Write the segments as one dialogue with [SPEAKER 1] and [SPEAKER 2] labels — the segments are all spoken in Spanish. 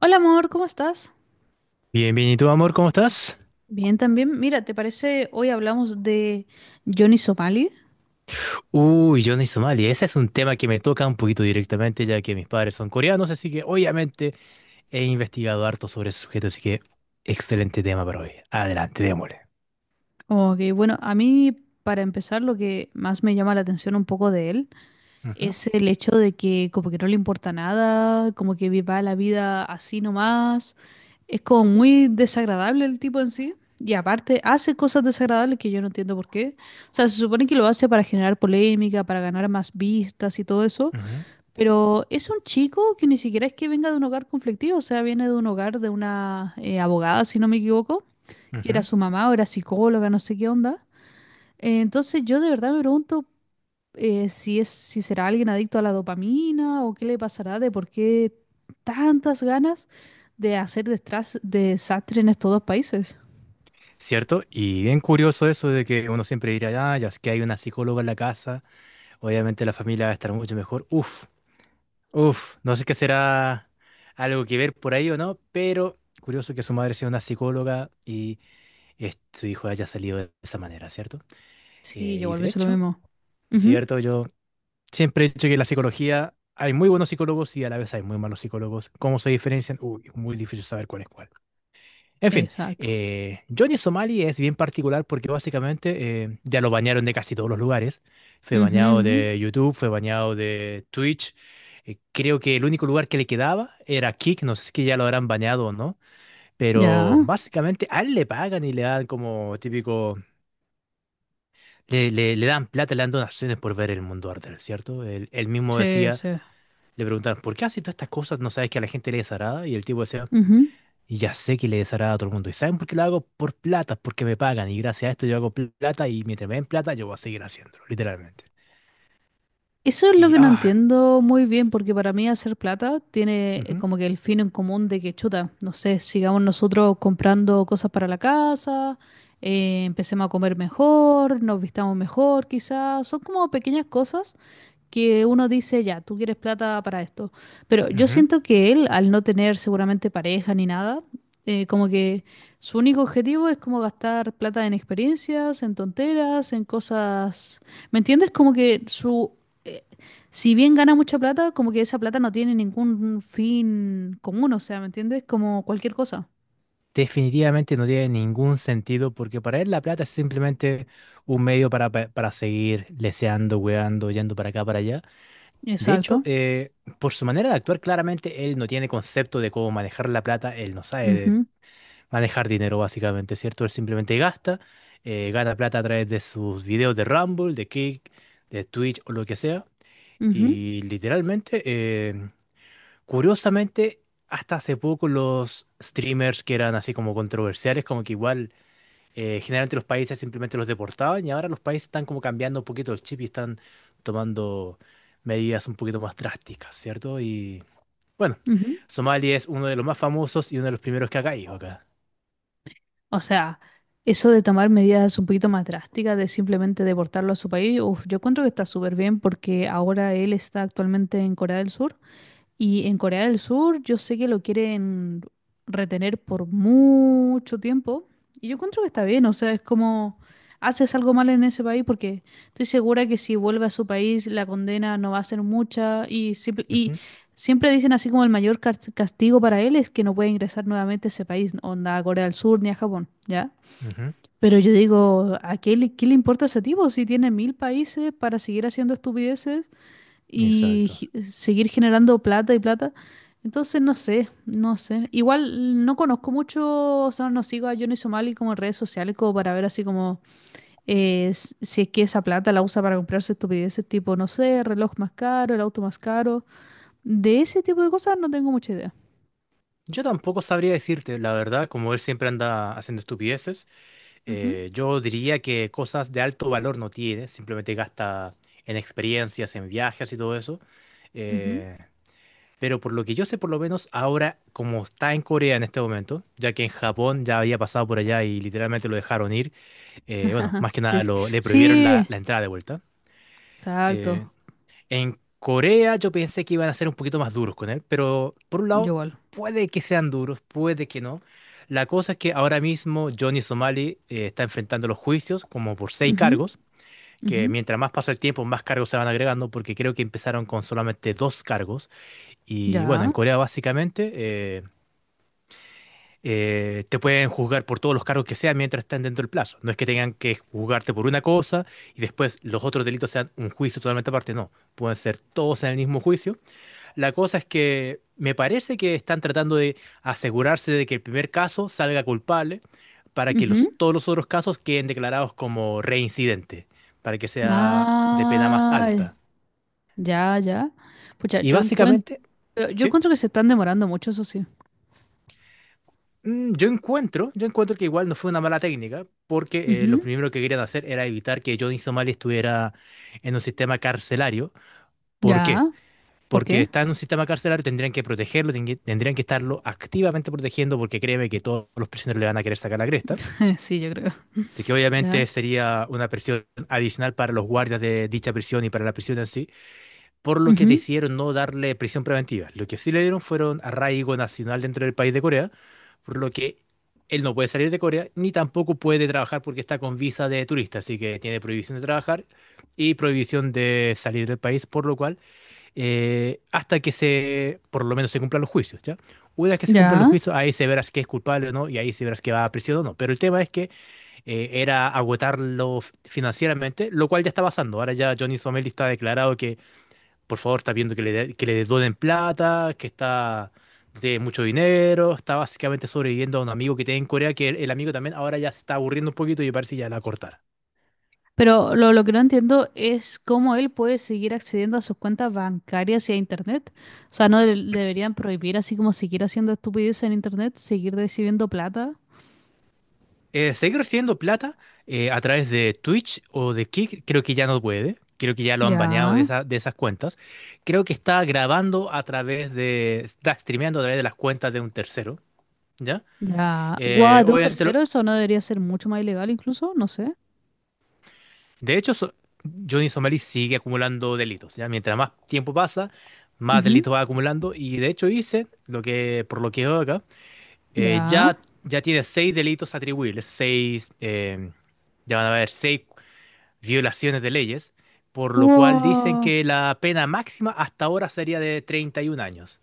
[SPEAKER 1] Hola amor, ¿cómo estás?
[SPEAKER 2] Bien, bien, ¿y tú, amor, cómo estás?
[SPEAKER 1] Bien también. Mira, ¿te parece hoy hablamos de Johnny Somali?
[SPEAKER 2] Uy, Johnny Somalia, ese es un tema que me toca un poquito directamente, ya que mis padres son coreanos, así que obviamente he investigado harto sobre ese sujeto, así que excelente tema para hoy. Adelante, démosle.
[SPEAKER 1] Ok, bueno, a mí para empezar lo que más me llama la atención un poco de él
[SPEAKER 2] Ujú,
[SPEAKER 1] es el hecho de que como que no le importa nada, como que viva la vida así nomás. Es como muy desagradable el tipo en sí. Y aparte hace cosas desagradables que yo no entiendo por qué. O sea, se supone que lo hace para generar polémica, para ganar más vistas y todo eso.
[SPEAKER 2] ujú,
[SPEAKER 1] Pero es un chico que ni siquiera es que venga de un hogar conflictivo, o sea, viene de un hogar de una abogada, si no me equivoco, que era
[SPEAKER 2] ujú.
[SPEAKER 1] su mamá o era psicóloga, no sé qué onda. Entonces yo de verdad me pregunto si es, si será alguien adicto a la dopamina o qué le pasará de por qué tantas ganas de hacer desastre en estos dos países.
[SPEAKER 2] ¿Cierto? Y bien curioso eso de que uno siempre dirá, ah, ya es que hay una psicóloga en la casa, obviamente la familia va a estar mucho mejor. Uf, uf, no sé qué será algo que ver por ahí o no, pero curioso que su madre sea una psicóloga y su hijo haya salido de esa manera, ¿cierto?
[SPEAKER 1] Sí, yo
[SPEAKER 2] Y
[SPEAKER 1] igual
[SPEAKER 2] de
[SPEAKER 1] pienso lo
[SPEAKER 2] hecho,
[SPEAKER 1] mismo.
[SPEAKER 2] es
[SPEAKER 1] Ujú.
[SPEAKER 2] cierto, yo siempre he dicho que la psicología, hay muy buenos psicólogos y a la vez hay muy malos psicólogos. ¿Cómo se diferencian? Uy, es muy difícil saber cuál es cuál. En fin,
[SPEAKER 1] Exacto.
[SPEAKER 2] Johnny Somali es bien particular porque básicamente ya lo bañaron de casi todos los lugares. Fue
[SPEAKER 1] Ujú,
[SPEAKER 2] bañado
[SPEAKER 1] ujú.
[SPEAKER 2] de YouTube, fue bañado de Twitch. Creo que el único lugar que le quedaba era Kick, no sé si que ya lo habrán bañado o no, pero
[SPEAKER 1] Ya.
[SPEAKER 2] básicamente a él le pagan y le dan como típico. Le dan plata, le dan donaciones por ver el mundo arder, ¿cierto? Él mismo decía,
[SPEAKER 1] Sí,
[SPEAKER 2] le preguntaban ¿por qué haces todas estas cosas? ¿No sabes que a la gente le desagrada? Y el tipo decía,
[SPEAKER 1] sí.
[SPEAKER 2] ya sé que le desagrada a todo el mundo. ¿Y saben por qué lo hago? Por plata, porque me pagan. Y gracias a esto yo hago plata y mientras me den plata yo voy a seguir haciéndolo, literalmente.
[SPEAKER 1] Eso es lo
[SPEAKER 2] Y,
[SPEAKER 1] que no
[SPEAKER 2] ah,
[SPEAKER 1] entiendo muy bien, porque para mí hacer plata tiene
[SPEAKER 2] ujú,
[SPEAKER 1] como que el fin en común de que chuta, no sé, sigamos nosotros comprando cosas para la casa, empecemos a comer mejor, nos vistamos mejor, quizás, son como pequeñas cosas que uno dice, ya, tú quieres plata para esto. Pero yo
[SPEAKER 2] ujú.
[SPEAKER 1] siento que él, al no tener seguramente pareja ni nada, como que su único objetivo es como gastar plata en experiencias, en tonteras, en cosas. ¿Me entiendes? Como que su… eh, si bien gana mucha plata, como que esa plata no tiene ningún fin común, o sea, ¿me entiendes? Como cualquier cosa.
[SPEAKER 2] Definitivamente no tiene ningún sentido porque para él la plata es simplemente un medio para, para seguir leseando, weando, yendo para acá, para allá. De hecho,
[SPEAKER 1] Exacto.
[SPEAKER 2] por su manera de actuar, claramente él no tiene concepto de cómo manejar la plata, él no sabe de
[SPEAKER 1] Ujú,
[SPEAKER 2] manejar dinero básicamente, ¿cierto? Él simplemente gasta, gana plata a través de sus videos de Rumble, de Kick, de Twitch o lo que sea.
[SPEAKER 1] ujú,
[SPEAKER 2] Y literalmente, curiosamente, hasta hace poco los streamers que eran así como controversiales, como que igual generalmente los países simplemente los deportaban y ahora los países están como cambiando un poquito el chip y están tomando medidas un poquito más drásticas, ¿cierto? Y bueno,
[SPEAKER 1] ujú.
[SPEAKER 2] Somalia es uno de los más famosos y uno de los primeros que ha caído acá.
[SPEAKER 1] O sea, eso de tomar medidas un poquito más drásticas, de simplemente deportarlo a su país, uf, yo encuentro que está súper bien porque ahora él está actualmente en Corea del Sur. Y en Corea del Sur yo sé que lo quieren retener por mucho tiempo. Y yo encuentro que está bien, o sea, es como haces algo mal en ese país porque estoy segura que si vuelve a su país la condena no va a ser mucha. Y, y
[SPEAKER 2] Ujú,
[SPEAKER 1] siempre dicen así como el mayor castigo para él es que no puede ingresar nuevamente a ese país, onda a Corea del Sur ni a Japón, ¿ya?
[SPEAKER 2] ujú.
[SPEAKER 1] Pero yo digo, ¿qué le importa a ese tipo si tiene 1000 países para seguir haciendo estupideces? Y
[SPEAKER 2] Exacto.
[SPEAKER 1] seguir generando plata y plata. Entonces, no sé, no sé. Igual no conozco mucho, o sea, no sigo a Johnny Somali como en redes sociales, como para ver así como si es que esa plata la usa para comprarse estupideces tipo, no sé, reloj más caro, el auto más caro. De ese tipo de cosas no tengo mucha idea.
[SPEAKER 2] Yo tampoco sabría decirte, la verdad, como él siempre anda haciendo estupideces,
[SPEAKER 1] Ujú,
[SPEAKER 2] yo diría que cosas de alto valor no tiene, simplemente gasta en experiencias, en viajes y todo eso.
[SPEAKER 1] ujú.
[SPEAKER 2] Eh, Pero por lo que yo sé, por lo menos ahora, como está en Corea en este momento, ya que en Japón ya había pasado por allá y literalmente lo dejaron ir, bueno, más que
[SPEAKER 1] Sí,
[SPEAKER 2] nada
[SPEAKER 1] sí,
[SPEAKER 2] le prohibieron la,
[SPEAKER 1] sí,
[SPEAKER 2] la entrada de vuelta.
[SPEAKER 1] exacto.
[SPEAKER 2] Eh, en Corea yo pensé que iban a ser un poquito más duros con él, pero por un
[SPEAKER 1] Yo
[SPEAKER 2] lado,
[SPEAKER 1] igual.
[SPEAKER 2] puede que sean duros, puede que no. La cosa es que ahora mismo Johnny Somali está enfrentando los juicios como por seis
[SPEAKER 1] Ujú,
[SPEAKER 2] cargos,
[SPEAKER 1] ujú.
[SPEAKER 2] que mientras más pasa el tiempo, más cargos se van agregando, porque creo que empezaron con solamente dos cargos y bueno, en
[SPEAKER 1] Ya.
[SPEAKER 2] Corea básicamente te pueden juzgar por todos los cargos que sean mientras estén dentro del plazo. No es que tengan que juzgarte por una cosa y después los otros delitos sean un juicio totalmente aparte, no. Pueden ser todos en el mismo juicio. La cosa es que me parece que están tratando de asegurarse de que el primer caso salga culpable para que los,
[SPEAKER 1] Ujú.
[SPEAKER 2] todos los otros casos queden declarados como reincidente, para que sea de pena más
[SPEAKER 1] Ah,
[SPEAKER 2] alta.
[SPEAKER 1] ya, ya. Pucha,
[SPEAKER 2] Y
[SPEAKER 1] yo encuentro.
[SPEAKER 2] básicamente...
[SPEAKER 1] Pero yo
[SPEAKER 2] Sí.
[SPEAKER 1] encuentro que se están demorando mucho, eso sí.
[SPEAKER 2] Mm, Yo encuentro que igual no fue una mala técnica, porque lo
[SPEAKER 1] Ujú.
[SPEAKER 2] primero que querían hacer era evitar que Johnny Somalia estuviera en un sistema carcelario. ¿Por qué?
[SPEAKER 1] Ya. ¿Por
[SPEAKER 2] Porque
[SPEAKER 1] qué?
[SPEAKER 2] está en un sistema carcelario, tendrían que protegerlo, tendrían que estarlo activamente protegiendo, porque créeme que todos los prisioneros le van a querer sacar la cresta.
[SPEAKER 1] Sí, yo creo.
[SPEAKER 2] Así que
[SPEAKER 1] Ya.
[SPEAKER 2] obviamente sería una presión adicional para los guardias de dicha prisión y para la prisión en sí, por lo que
[SPEAKER 1] Ujú.
[SPEAKER 2] decidieron no darle prisión preventiva. Lo que sí le dieron fueron arraigo nacional dentro del país de Corea, por lo que él no puede salir de Corea ni tampoco puede trabajar porque está con visa de turista, así que tiene prohibición de trabajar y prohibición de salir del país, por lo cual, hasta que se, por lo menos se cumplan los juicios, ¿ya? Una vez que se cumplan los
[SPEAKER 1] Ya.
[SPEAKER 2] juicios, ahí se verás que es culpable o no, y ahí se verás que va a prisión o no. Pero el tema es que era agotarlo financieramente, lo cual ya está pasando. Ahora ya Johnny Somel está declarado que por favor, está viendo que le, que le donen plata, que está, no tiene mucho dinero, está básicamente sobreviviendo a un amigo que tiene en Corea, que el amigo también ahora ya se está aburriendo un poquito y parece que ya la va a cortar.
[SPEAKER 1] Pero lo que no entiendo es cómo él puede seguir accediendo a sus cuentas bancarias y a internet. O sea, ¿no deberían prohibir así como seguir haciendo estupideces en internet, seguir recibiendo plata?
[SPEAKER 2] Seguir recibiendo plata a través de Twitch o de Kick, creo que ya no puede. Creo que ya lo han baneado de,
[SPEAKER 1] Ya.
[SPEAKER 2] de esas cuentas. Creo que está grabando a través de, está streameando a través de las cuentas de un tercero, ¿ya?
[SPEAKER 1] Ya. Guau, de un
[SPEAKER 2] Obviamente lo-
[SPEAKER 1] tercero eso no debería ser mucho más ilegal incluso, no sé.
[SPEAKER 2] De hecho, so- Johnny Somerville sigue acumulando delitos, ¿ya? Mientras más tiempo pasa, más
[SPEAKER 1] Ujú.
[SPEAKER 2] delitos va acumulando. Y de hecho dice, lo que, por lo que veo acá,
[SPEAKER 1] Ya.
[SPEAKER 2] ya, ya tiene seis delitos atribuibles, seis, ya van a haber seis violaciones de leyes, por lo cual dicen
[SPEAKER 1] Wow.
[SPEAKER 2] que la pena máxima hasta ahora sería de 31 años.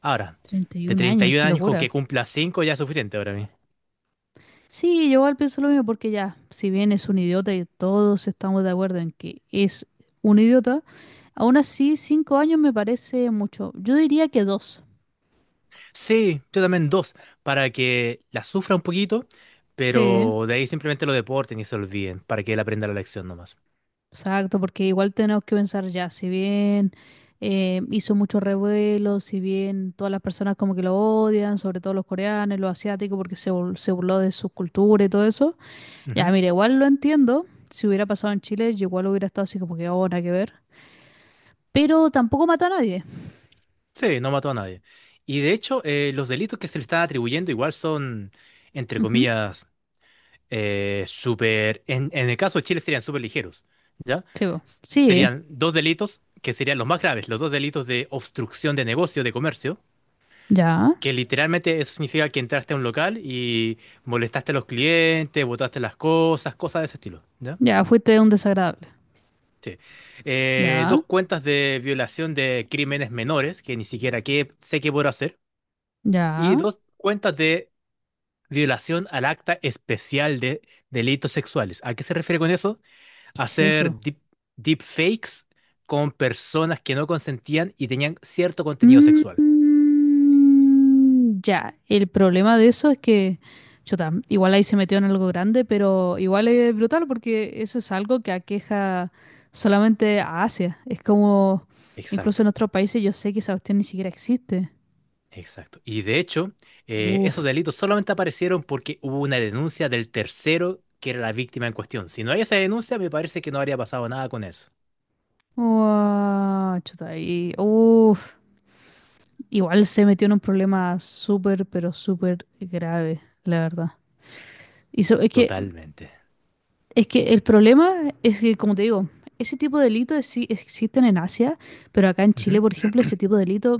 [SPEAKER 2] Ahora, de
[SPEAKER 1] 31 años,
[SPEAKER 2] 31
[SPEAKER 1] qué
[SPEAKER 2] años con que
[SPEAKER 1] locura.
[SPEAKER 2] cumpla 5 ya es suficiente para mí.
[SPEAKER 1] Sí, yo igual pienso lo mismo porque ya, si bien es un idiota y todos estamos de acuerdo en que es un idiota, aún así 5 años me parece mucho. Yo diría que dos.
[SPEAKER 2] Sí, yo también dos, para que la sufra un poquito,
[SPEAKER 1] Sí,
[SPEAKER 2] pero de ahí simplemente lo deporten y se olviden, para que él aprenda la lección nomás.
[SPEAKER 1] exacto, porque igual tenemos que pensar ya, si bien hizo mucho revuelo, si bien todas las personas como que lo odian, sobre todo los coreanos, los asiáticos, porque se, se burló de su cultura y todo eso. Ya,
[SPEAKER 2] Ujú.
[SPEAKER 1] mira, igual lo entiendo. Si hubiera pasado en Chile, yo igual hubiera estado así como que ahora que ver. Pero tampoco mata a nadie.
[SPEAKER 2] Sí, no mató a nadie. Y de hecho, los delitos que se le están atribuyendo igual son, entre
[SPEAKER 1] Ujú.
[SPEAKER 2] comillas, en el caso de Chile serían súper ligeros, ¿ya?
[SPEAKER 1] Sí, po. Sí,
[SPEAKER 2] Serían dos delitos que serían los más graves, los dos delitos de obstrucción de negocio, de comercio,
[SPEAKER 1] ya,
[SPEAKER 2] que literalmente eso significa que entraste a un local y molestaste a los clientes, botaste las cosas, cosas de ese estilo, ¿ya?
[SPEAKER 1] ya, fuiste un desagradable.
[SPEAKER 2] Sí.
[SPEAKER 1] Ya,
[SPEAKER 2] Dos cuentas de violación de crímenes menores, que ni siquiera sé qué puedo hacer, y
[SPEAKER 1] ya,
[SPEAKER 2] dos cuentas de violación al acta especial de delitos sexuales. ¿A qué se refiere con eso?
[SPEAKER 1] ¿qué es
[SPEAKER 2] Hacer
[SPEAKER 1] eso?
[SPEAKER 2] deepfakes con personas que no consentían y tenían cierto contenido
[SPEAKER 1] Mm,
[SPEAKER 2] sexual.
[SPEAKER 1] mm, ya, el problema de eso es que, chuta, igual ahí se metió en algo grande, pero igual es brutal porque eso es algo que aqueja solamente a Asia. Es como, incluso
[SPEAKER 2] Exacto.
[SPEAKER 1] en otros países yo sé que esa cuestión ni siquiera existe.
[SPEAKER 2] Exacto. Y de hecho,
[SPEAKER 1] Uf,
[SPEAKER 2] esos delitos solamente aparecieron porque hubo una denuncia del tercero que era la víctima en cuestión. Si no hay esa denuncia, me parece que no habría pasado nada con eso.
[SPEAKER 1] uah, chuta, ahí, uf. Igual se metió en un problema súper, pero súper grave, la verdad. Y
[SPEAKER 2] Totalmente.
[SPEAKER 1] es que el problema es que, como te digo, ese tipo de delitos sí existen en Asia, pero acá en Chile,
[SPEAKER 2] Ujú.
[SPEAKER 1] por ejemplo, ese tipo de delitos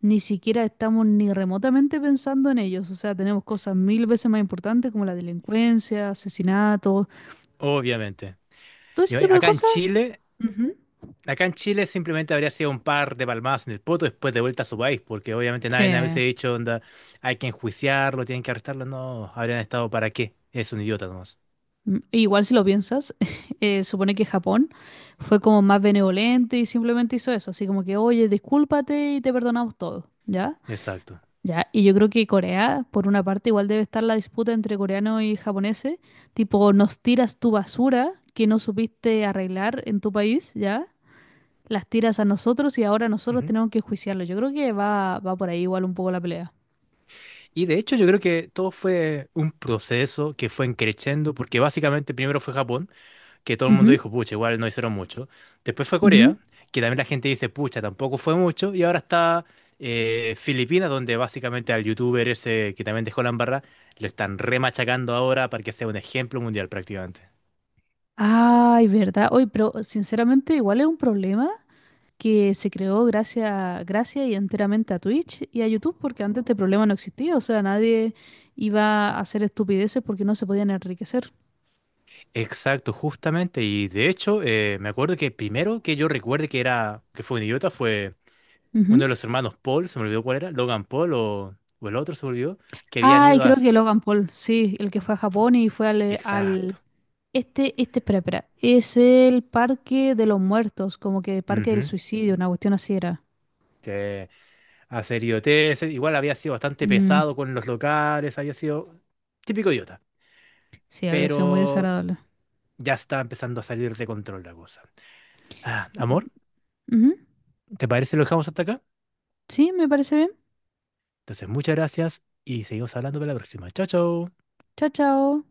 [SPEAKER 1] ni siquiera estamos ni remotamente pensando en ellos. O sea, tenemos cosas 1000 veces más importantes como la delincuencia, asesinatos,
[SPEAKER 2] Obviamente.
[SPEAKER 1] todo
[SPEAKER 2] Y
[SPEAKER 1] ese
[SPEAKER 2] oye,
[SPEAKER 1] tipo de cosas. Ujú.
[SPEAKER 2] Acá en Chile simplemente habría sido un par de palmadas en el poto después de vuelta a su país, porque obviamente nadie hubiese
[SPEAKER 1] Sí.
[SPEAKER 2] dicho, onda, hay que enjuiciarlo, tienen que arrestarlo. No, habrían estado para qué. Es un idiota nomás.
[SPEAKER 1] Mm. Igual si lo piensas, supone que Japón fue como más benevolente y simplemente hizo eso, así como que, oye, discúlpate y te perdonamos todo, ¿ya?
[SPEAKER 2] Exacto.
[SPEAKER 1] Ya, y yo creo que Corea, por una parte, igual debe estar la disputa entre coreanos y japoneses, tipo, nos tiras tu basura que no supiste arreglar en tu país, ¿ya? Las tiras a nosotros y ahora nosotros tenemos que juiciarlo. Yo creo que va, va por ahí igual un poco la pelea.
[SPEAKER 2] Y de hecho yo creo que todo fue un proceso que fue creciendo, porque básicamente primero fue Japón, que todo el mundo
[SPEAKER 1] Ujú,
[SPEAKER 2] dijo, pucha, igual no hicieron mucho. Después fue
[SPEAKER 1] ujú.
[SPEAKER 2] Corea, que también la gente dice, pucha, tampoco fue mucho. Y ahora está Filipinas, donde básicamente al youtuber ese que también dejó la embarra, lo están remachacando ahora para que sea un ejemplo mundial prácticamente.
[SPEAKER 1] Ay, ¿verdad? Oye, pero sinceramente igual es un problema que se creó gracias, gracias y enteramente a Twitch y a YouTube, porque antes este problema no existía, o sea, nadie iba a hacer estupideces porque no se podían enriquecer.
[SPEAKER 2] Exacto, justamente. Y de hecho, me acuerdo que primero que yo recuerde que era, que fue un idiota fue... uno
[SPEAKER 1] Ujú.
[SPEAKER 2] de los hermanos Paul, se me olvidó cuál era, Logan Paul o el otro se me olvidó, que habían
[SPEAKER 1] Ah,
[SPEAKER 2] ido a...
[SPEAKER 1] creo que Logan Paul, sí, el que fue a Japón y fue
[SPEAKER 2] Exacto.
[SPEAKER 1] este, este, espera, espera, es el Parque de los Muertos, como que Parque del
[SPEAKER 2] Ujú.
[SPEAKER 1] Suicidio, una cuestión así era.
[SPEAKER 2] Que a hacer idioteces, igual había sido bastante
[SPEAKER 1] Mm,
[SPEAKER 2] pesado con los locales, había sido típico idiota,
[SPEAKER 1] sí, había sido muy
[SPEAKER 2] pero
[SPEAKER 1] desagradable.
[SPEAKER 2] ya está empezando a salir de control la cosa. Ah, amor,
[SPEAKER 1] Ujú.
[SPEAKER 2] ¿te parece si lo dejamos hasta acá?
[SPEAKER 1] Sí, me parece bien.
[SPEAKER 2] Entonces, muchas gracias y seguimos hablando para la próxima. Chao, chao.
[SPEAKER 1] Chao, chao.